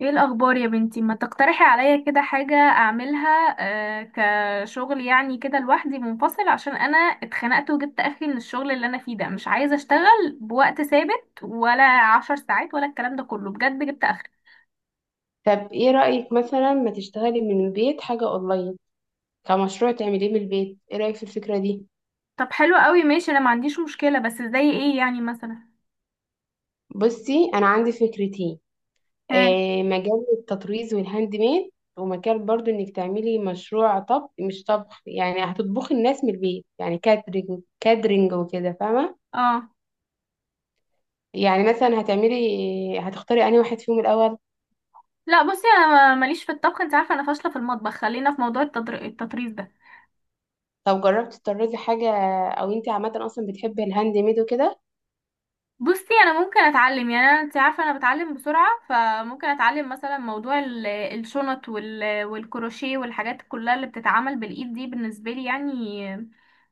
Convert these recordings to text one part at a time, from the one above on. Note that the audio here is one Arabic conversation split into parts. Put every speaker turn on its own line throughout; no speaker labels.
ايه الاخبار يا بنتي؟ ما تقترحي عليا كده حاجة اعملها. آه، كشغل يعني كده لوحدي منفصل، عشان انا اتخنقت وجبت اخري من الشغل اللي انا فيه ده. مش عايزة اشتغل بوقت ثابت، ولا عشر ساعات، ولا الكلام ده كله. بجد جبت اخري.
طب ايه رأيك مثلا ما تشتغلي من البيت حاجة اونلاين، كمشروع تعمليه من البيت؟ ايه رأيك في الفكرة دي؟
طب حلو قوي، ماشي، انا ما عنديش مشكلة، بس زي ايه يعني مثلا؟
بصي انا عندي فكرتين.
ها.
آه، مجال التطريز والهاند ميد، ومجال برضو انك تعملي مشروع طبخ. مش طبخ يعني هتطبخي، الناس من البيت يعني، كاترينج. كاترينج وكده فاهمة.
اه.
مثلا هتعملي، هتختاري انهي واحد فيهم الاول؟
لا بصي، انا ماليش في الطبخ، انت عارفة انا فاشلة في المطبخ. خلينا في موضوع التطريز ده.
طب جربتي تطرزي حاجة؟ او انت عامة اصلا بتحبي الهاند ميد وكده؟
بصي انا ممكن اتعلم، يعني انا انت عارفه انا بتعلم بسرعه، فممكن اتعلم مثلا موضوع الشنط والكروشيه والحاجات كلها اللي بتتعمل بالايد دي بالنسبه لي يعني.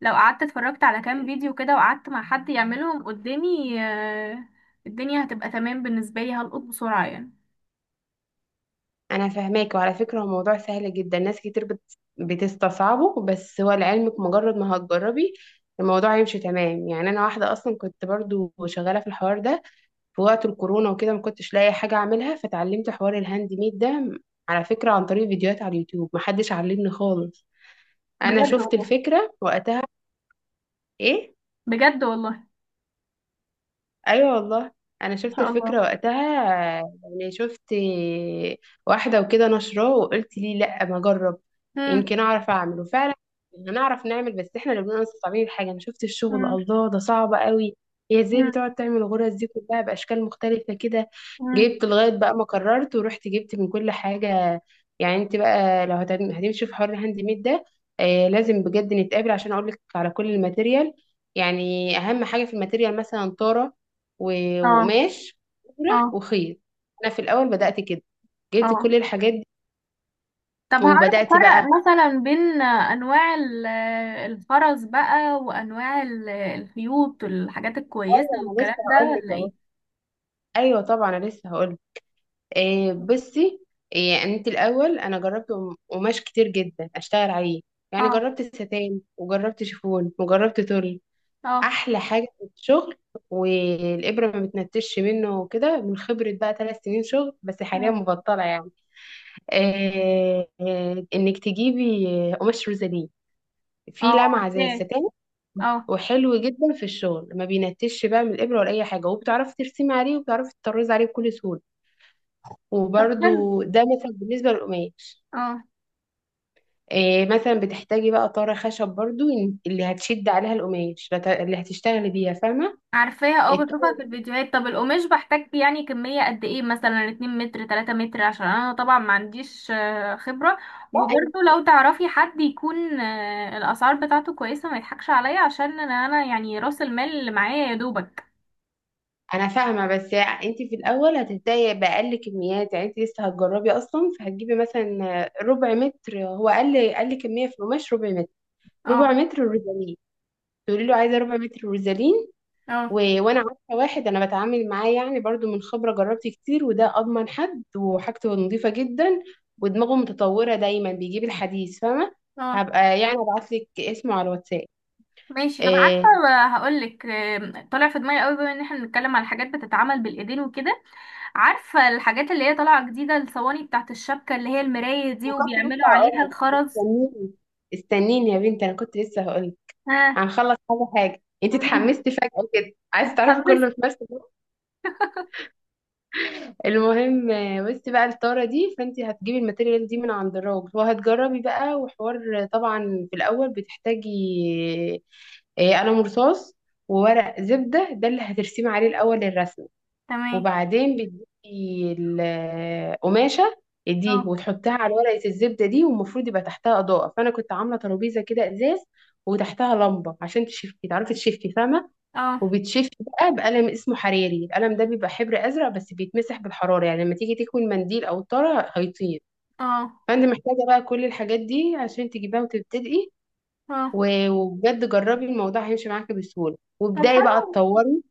لو قعدت اتفرجت على كام فيديو كده، وقعدت مع حد يعملهم قدامي الدنيا هتبقى تمام بالنسبه لي، هلقط بسرعه يعني.
انا فاهماك، وعلى فكره هو موضوع سهل جدا. ناس كتير بتستصعبه، بس هو لعلمك مجرد ما هتجربي الموضوع هيمشي تمام. يعني انا واحده اصلا كنت برضو شغاله في الحوار ده في وقت الكورونا وكده، ما كنتش لاقي حاجه اعملها فتعلمت حوار الهاند ميد ده على فكره عن طريق فيديوهات على اليوتيوب، محدش علمني خالص. انا
بجد
شفت
والله.
الفكره وقتها. ايه؟
بجد والله.
ايوه والله، انا
ما
شفت
شاء
الفكره
الله.
وقتها. يعني شفت واحده وكده نشراه، وقلت ليه لا ما اجرب؟
مم.
يمكن اعرف اعمل، وفعلا هنعرف نعمل، بس احنا اللي بنبقى مصعبين الحاجه. انا شفت الشغل
مم.
الله ده صعب قوي. هي ازاي
مم.
بتقعد تعمل الغرز دي كلها باشكال مختلفه كده؟
مم.
جبت لغايه بقى ما قررت ورحت جبت من كل حاجه. يعني انت بقى لو هتمشي في حوار الهاند ميد ده، آه لازم بجد نتقابل عشان اقول لك على كل الماتيريال. يعني اهم حاجه في الماتيريال مثلا طاره
اه.
وقماش
اه.
وابره وخيط. انا في الاول بدات كده، جبت كل
اه.
الحاجات دي
طب هعرف
وبدات بقى.
افرق مثلا بين انواع الخرز بقى، وانواع الخيوط والحاجات الكويسه
ايوه انا
والكلام
لسه
ده،
هقول لك
ولا
اهو.
ايه؟
ايوه طبعا انا لسه هقول لك. إيه بصي، إيه انت الاول، انا جربت قماش كتير جدا اشتغل عليه، يعني
اه.
جربت ستان وجربت شيفون وجربت تول.
اه.
احلى حاجه في الشغل والابره ما بتنتش منه وكده، من خبره بقى 3 سنين شغل، بس حاليا
اه.
مبطله يعني. إيه انك تجيبي قماش روزالين،
اه
في لمعة زي
عارفاه.
الستان
اه
وحلو جدا في الشغل، ما بينتش بقى من الإبرة ولا أي حاجة، وبتعرفي ترسمي عليه وبتعرفي تطرزي عليه بكل سهولة.
طب حلو.
وبرده ده مثلا بالنسبة للقماش.
اه
إيه مثلا بتحتاجي بقى طارة خشب برضو، اللي هتشد عليها القماش، اللي هتشتغلي بيها فاهمة،
عارفاها، اه بشوفها
الطارة
في
دي.
الفيديوهات. طب القماش بحتاج يعني كميه قد ايه؟ مثلا 2 متر 3 متر، عشان انا طبعا ما عنديش خبره.
بقى
وبرضه لو تعرفي حد يكون الاسعار بتاعته كويسه، ما يضحكش عليا، عشان انا يعني راس المال اللي معايا يا دوبك.
أنا فاهمة، بس أنت في الأول هتبدأي بأقل كميات، يعني أنت لسه هتجربي أصلا فهتجيبي مثلا ربع متر. هو أقل كمية في القماش ربع متر.
اه.
ربع متر روزالين، تقولي له عايزة ربع متر روزالين. و...
اه.
وانا عارفه واحد انا بتعامل معاه يعني، برضو من خبره جربت كتير، وده اضمن حد وحاجته نظيفه جدا، ودماغه متطوره دايما بيجيب الحديث فاهمه.
اه.
هبقى يعني ابعت لك اسمه على الواتساب.
ماشي، طب عارفه،
إيه.
هقول لك. طالع في دماغي قوي، بما ان احنا بنتكلم على حاجات بتتعمل بالايدين وكده، عارفه الحاجات اللي هي طالعه جديده، الصواني بتاعت الشبكه، اللي هي المرايه دي،
وكنت
وبيعملوا
لسه هقول
عليها
لك،
الخرز.
استنيني، استنيني يا بنتي، انا كنت لسه هقول لك.
ها.
هنخلص حاجه حاجه، انت
قولي.
اتحمستي فجاه كده عايز تعرفي
اتحمست.
كله في نفس. المهم بصي بقى الطاره دي، فانت هتجيبي الماتيريال دي من عند الراجل وهتجربي بقى. وحوار طبعا في الاول بتحتاجي قلم رصاص وورق زبده، ده اللي هترسمي عليه الاول الرسمه.
تمام.
وبعدين بتجيبي القماشه دي
اه.
وتحطها على ورقه الزبده دي، والمفروض يبقى تحتها اضاءه، فانا كنت عامله ترابيزه كده ازاز وتحتها لمبه عشان تشفي، تعرفي تشفي فاهمه.
اه.
وبيتشفي بقى بقلم اسمه حراري، القلم ده بيبقى حبر ازرق بس بيتمسح بالحراره، يعني لما تيجي تكوي المنديل او الطاره هيطير.
اه.
فانت محتاجه بقى كل الحاجات دي عشان تجيبها وتبتدئي.
اه
وبجد جربي الموضوع هيمشي معاكي بسهوله،
طب
وابداي بقى
حلو.
تطوري.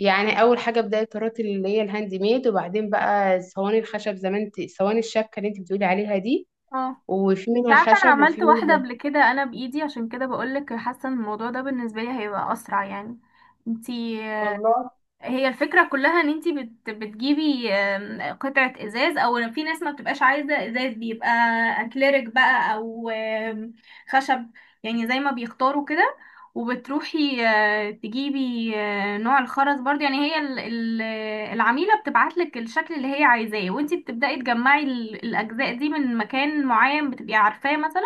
يعني اول حاجه ابداي الطرات اللي هي الهاند ميد، وبعدين بقى صواني الخشب زي ما انت، صواني الشبكه اللي انت بتقولي عليها دي،
اه.
وفي
انت
منها
عارفه انا
خشب وفي
عملت واحده
منها.
قبل كده، انا بايدي، عشان كده بقول لك حاسه ان الموضوع ده بالنسبه لي هيبقى اسرع يعني. انتي،
والله
هي الفكرة كلها ان انتي بتجيبي قطعة ازاز، او في ناس ما بتبقاش عايزة ازاز، بيبقى اكليريك بقى، او خشب، يعني زي ما بيختاروا كده. وبتروحي تجيبي نوع الخرز برضه. يعني هي العميلة بتبعتلك الشكل اللي هي عايزاه، وانتي بتبدأي تجمعي الأجزاء دي من مكان معين بتبقي عارفاه. مثلا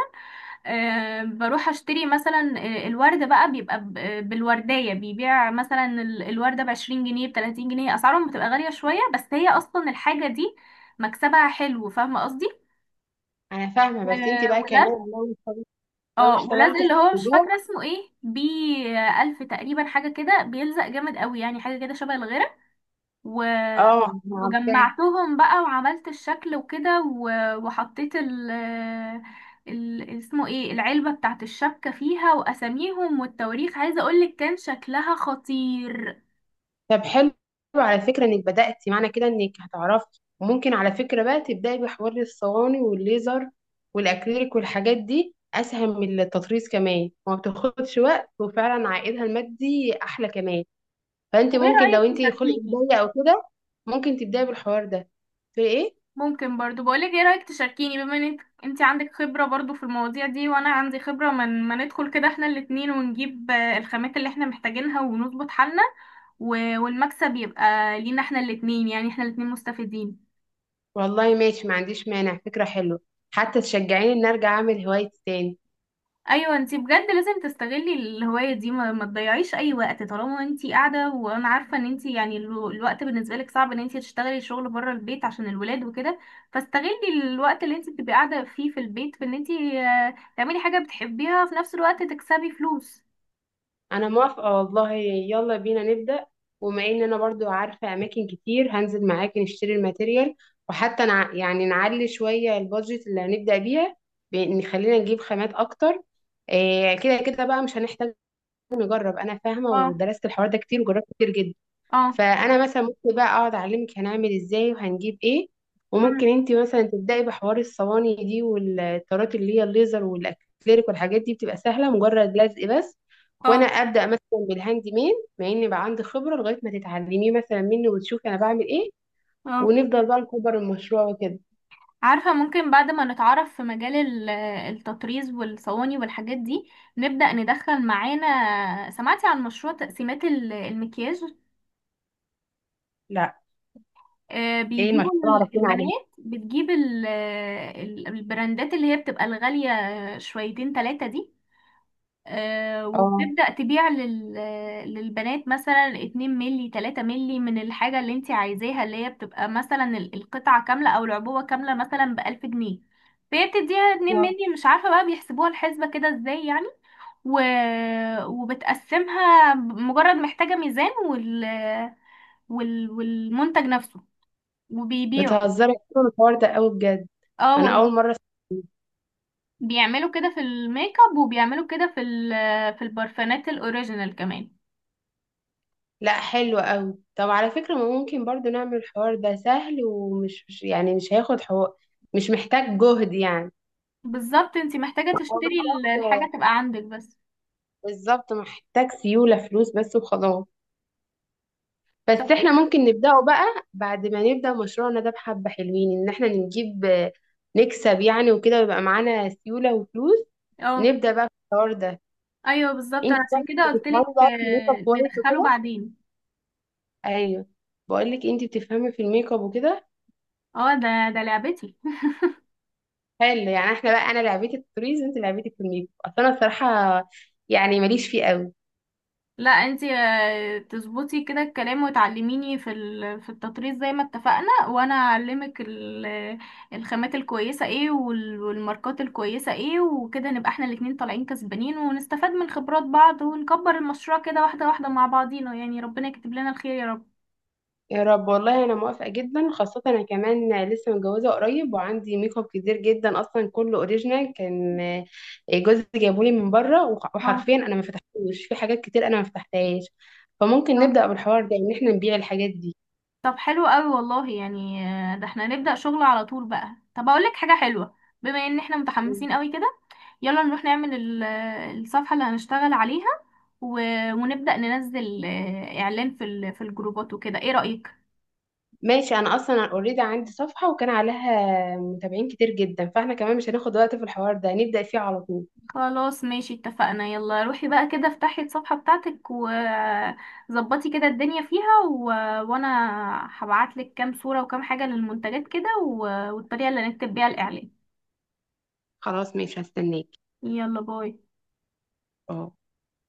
بروح اشتري مثلا الورد بقى، بيبقى بالوردية. بيبيع مثلا الوردة بعشرين جنيه بتلاتين جنيه، اسعارهم بتبقى غالية شوية، بس هي اصلا الحاجة دي مكسبها حلو، فاهمة قصدي؟
انا فاهمه، بس انت بقى كمان
ولاد.
لو
اه ولاد
اشتغلت في
اللي هو مش
الموضوع.
فاكرة اسمه ايه، بي ألف تقريبا، حاجة كده بيلزق جامد قوي، يعني حاجة كده شبه الغيرة. و...
اه عارفاه.
وجمعتهم بقى وعملت الشكل وكده، وحطيت اسمه ايه، العلبة بتاعت الشبكة، فيها واساميهم والتواريخ. عايزة اقولك كان شكلها خطير.
طب حلو، على فكرة انك بدأتي معنى كده انك هتعرفي، وممكن على فكرة بقى تبدأي بحوار الصواني والليزر والاكريليك والحاجات دي، اسهل من التطريز كمان وما بتاخدش وقت، وفعلا عائدها المادي احلى كمان. فانت
طب ايه
ممكن لو
رأيك
انت خلق
تشاركيني؟
بداية او كده، ممكن تبدأي بالحوار ده. في ايه؟
ممكن برضو بقولك، ايه رأيك تشاركيني؟ بما انك انت عندك خبرة برضو في المواضيع دي، وانا عندي خبرة، من ما ندخل كده احنا الاتنين، ونجيب الخامات اللي احنا محتاجينها، ونظبط حالنا، والمكسب يبقى لينا احنا الاتنين، يعني احنا الاتنين مستفيدين.
والله ماشي ما عنديش مانع، فكرة حلوة، حتى تشجعيني ان ارجع اعمل هوايتي تاني.
ايوه انتي بجد لازم تستغلي الهوايه دي، ما تضيعيش اي وقت طالما انتي قاعده. وانا عارفه ان انتي يعني الوقت بالنسبه لك صعب ان انتي تشتغلي شغل بره البيت عشان الولاد وكده. فاستغلي الوقت اللي انتي بتبقي قاعده فيه في البيت، في ان انتي تعملي حاجه بتحبيها، في نفس الوقت تكسبي فلوس.
انا موافقة والله، يلا بينا نبدأ. وما ان انا برضو عارفة اماكن كتير هنزل معاكي نشتري الماتيريال، وحتى يعني نعلي شوية البادجت اللي هنبدأ بيها، بان خلينا نجيب خامات اكتر. إيه كده كده بقى، مش هنحتاج نجرب، انا فاهمة
اه.
ودرست الحوار ده كتير وجربت كتير جدا.
اه.
فانا مثلا ممكن بقى اقعد اعلمك هنعمل ازاي وهنجيب ايه، وممكن
مم.
انت مثلا تبداي بحوار الصواني دي والطارات اللي هي الليزر والاكريليك، والحاجات دي بتبقى سهله مجرد لزق بس.
اه.
وانا ابدا مثلا بالهاند ميد مع اني بقى عندي خبره، لغايه ما تتعلميه مثلا مني وتشوفي انا بعمل ايه،
اه.
ونفضل بقى نكبر المشروع وكده.
عارفة، ممكن بعد ما نتعرف في مجال التطريز والصواني والحاجات دي، نبدأ ندخل معانا. سمعتي عن مشروع تقسيمات المكياج؟
لا، ايه
بيجيبوا
المشروع؟ عرفنا عليه.
البنات، بتجيب البراندات اللي هي بتبقى الغالية شويتين تلاتة دي،
اه.
وبتبدأ تبيع للبنات مثلا 2 ملي 3 ملي من الحاجة اللي انت عايزاها، اللي هي بتبقى مثلا القطعة كاملة أو العبوة كاملة مثلا بألف جنيه. فهي بتديها 2
آه.
ملي، مش عارفة بقى بيحسبوها الحسبة كده ازاي يعني. و... وبتقسمها، مجرد محتاجة ميزان والمنتج نفسه، وبيبيعه.
بتهزري أصلاً، الحوار ده قوي بجد،
اه
انا
والله.
اول مره أسمع.
بيعملوا كده في الميك اب، وبيعملوا كده في في البرفانات الاوريجينال كمان.
لا حلو قوي، طب على فكرة ما ممكن برضو نعمل الحوار ده سهل، ومش مش- يعني مش هياخد حوار، مش محتاج جهد يعني.
بالظبط، انتي محتاجة
هو
تشتري
محتاج،
الحاجة تبقى عندك بس.
بالظبط محتاج سيولة فلوس بس وخلاص. بس
طب
احنا
ايه؟
ممكن نبدأه بقى بعد ما نبدأ مشروعنا ده بحبة حلوين، ان احنا نجيب نكسب يعني وكده، ويبقى معانا سيولة وفلوس
اه
نبدأ بقى في الحوار ده.
ايوه بالظبط، انا
انت
عشان
طيب
كده
بتفهمي
قلتلك
بقى في الميك اب كويس
ندخله
وكده؟
بعدين.
ايوه، بقول لك انت بتفهمي في الميك اب وكده.
اه، ده لعبتي.
حلو، يعني احنا بقى انا لعبتي التوريز وانت لعبتي الكوميدي، اصل انا الصراحه يعني ماليش فيه قوي.
لا انتي تظبطي كده الكلام، وتعلميني في في التطريز زي ما اتفقنا، وانا اعلمك الخامات الكويسه ايه، والماركات الكويسه ايه، وكده نبقى احنا الاتنين طالعين كسبانين، ونستفاد من خبرات بعض، ونكبر المشروع كده واحده واحده مع بعضينا، يعني ربنا يكتب لنا الخير يا رب.
يا رب والله، انا موافقه جدا، خاصه انا كمان لسه متجوزه قريب وعندي ميك اب كتير جدا اصلا، كله اوريجينال كان، جوزي جابولي من بره،
اه.
وحرفيا انا ما فتحتوش، في حاجات كتير انا ما فتحتهاش. فممكن
اه.
نبدا بالحوار ده ان احنا نبيع الحاجات دي.
طب حلو قوي والله، يعني ده احنا نبدأ شغل على طول بقى. طب اقول لك حاجة حلوة، بما ان احنا متحمسين قوي كده، يلا نروح نعمل الصفحة اللي هنشتغل عليها، و... ونبدأ ننزل اعلان في في الجروبات وكده، ايه رأيك؟
ماشي، انا اصلا اوريدي عندي صفحه وكان عليها متابعين كتير جدا، فاحنا كمان مش هناخد وقت في الحوار ده، نبدا فيه على طول.
خلاص ماشي، اتفقنا. يلا روحي بقى كده، افتحي الصفحة بتاعتك وظبطي كده الدنيا فيها، وانا هبعتلك كام صورة وكام حاجة للمنتجات كده، والطريقة اللي هنكتب بيها الاعلان.
خلاص ماشي هستناك.
يلا باي.
اه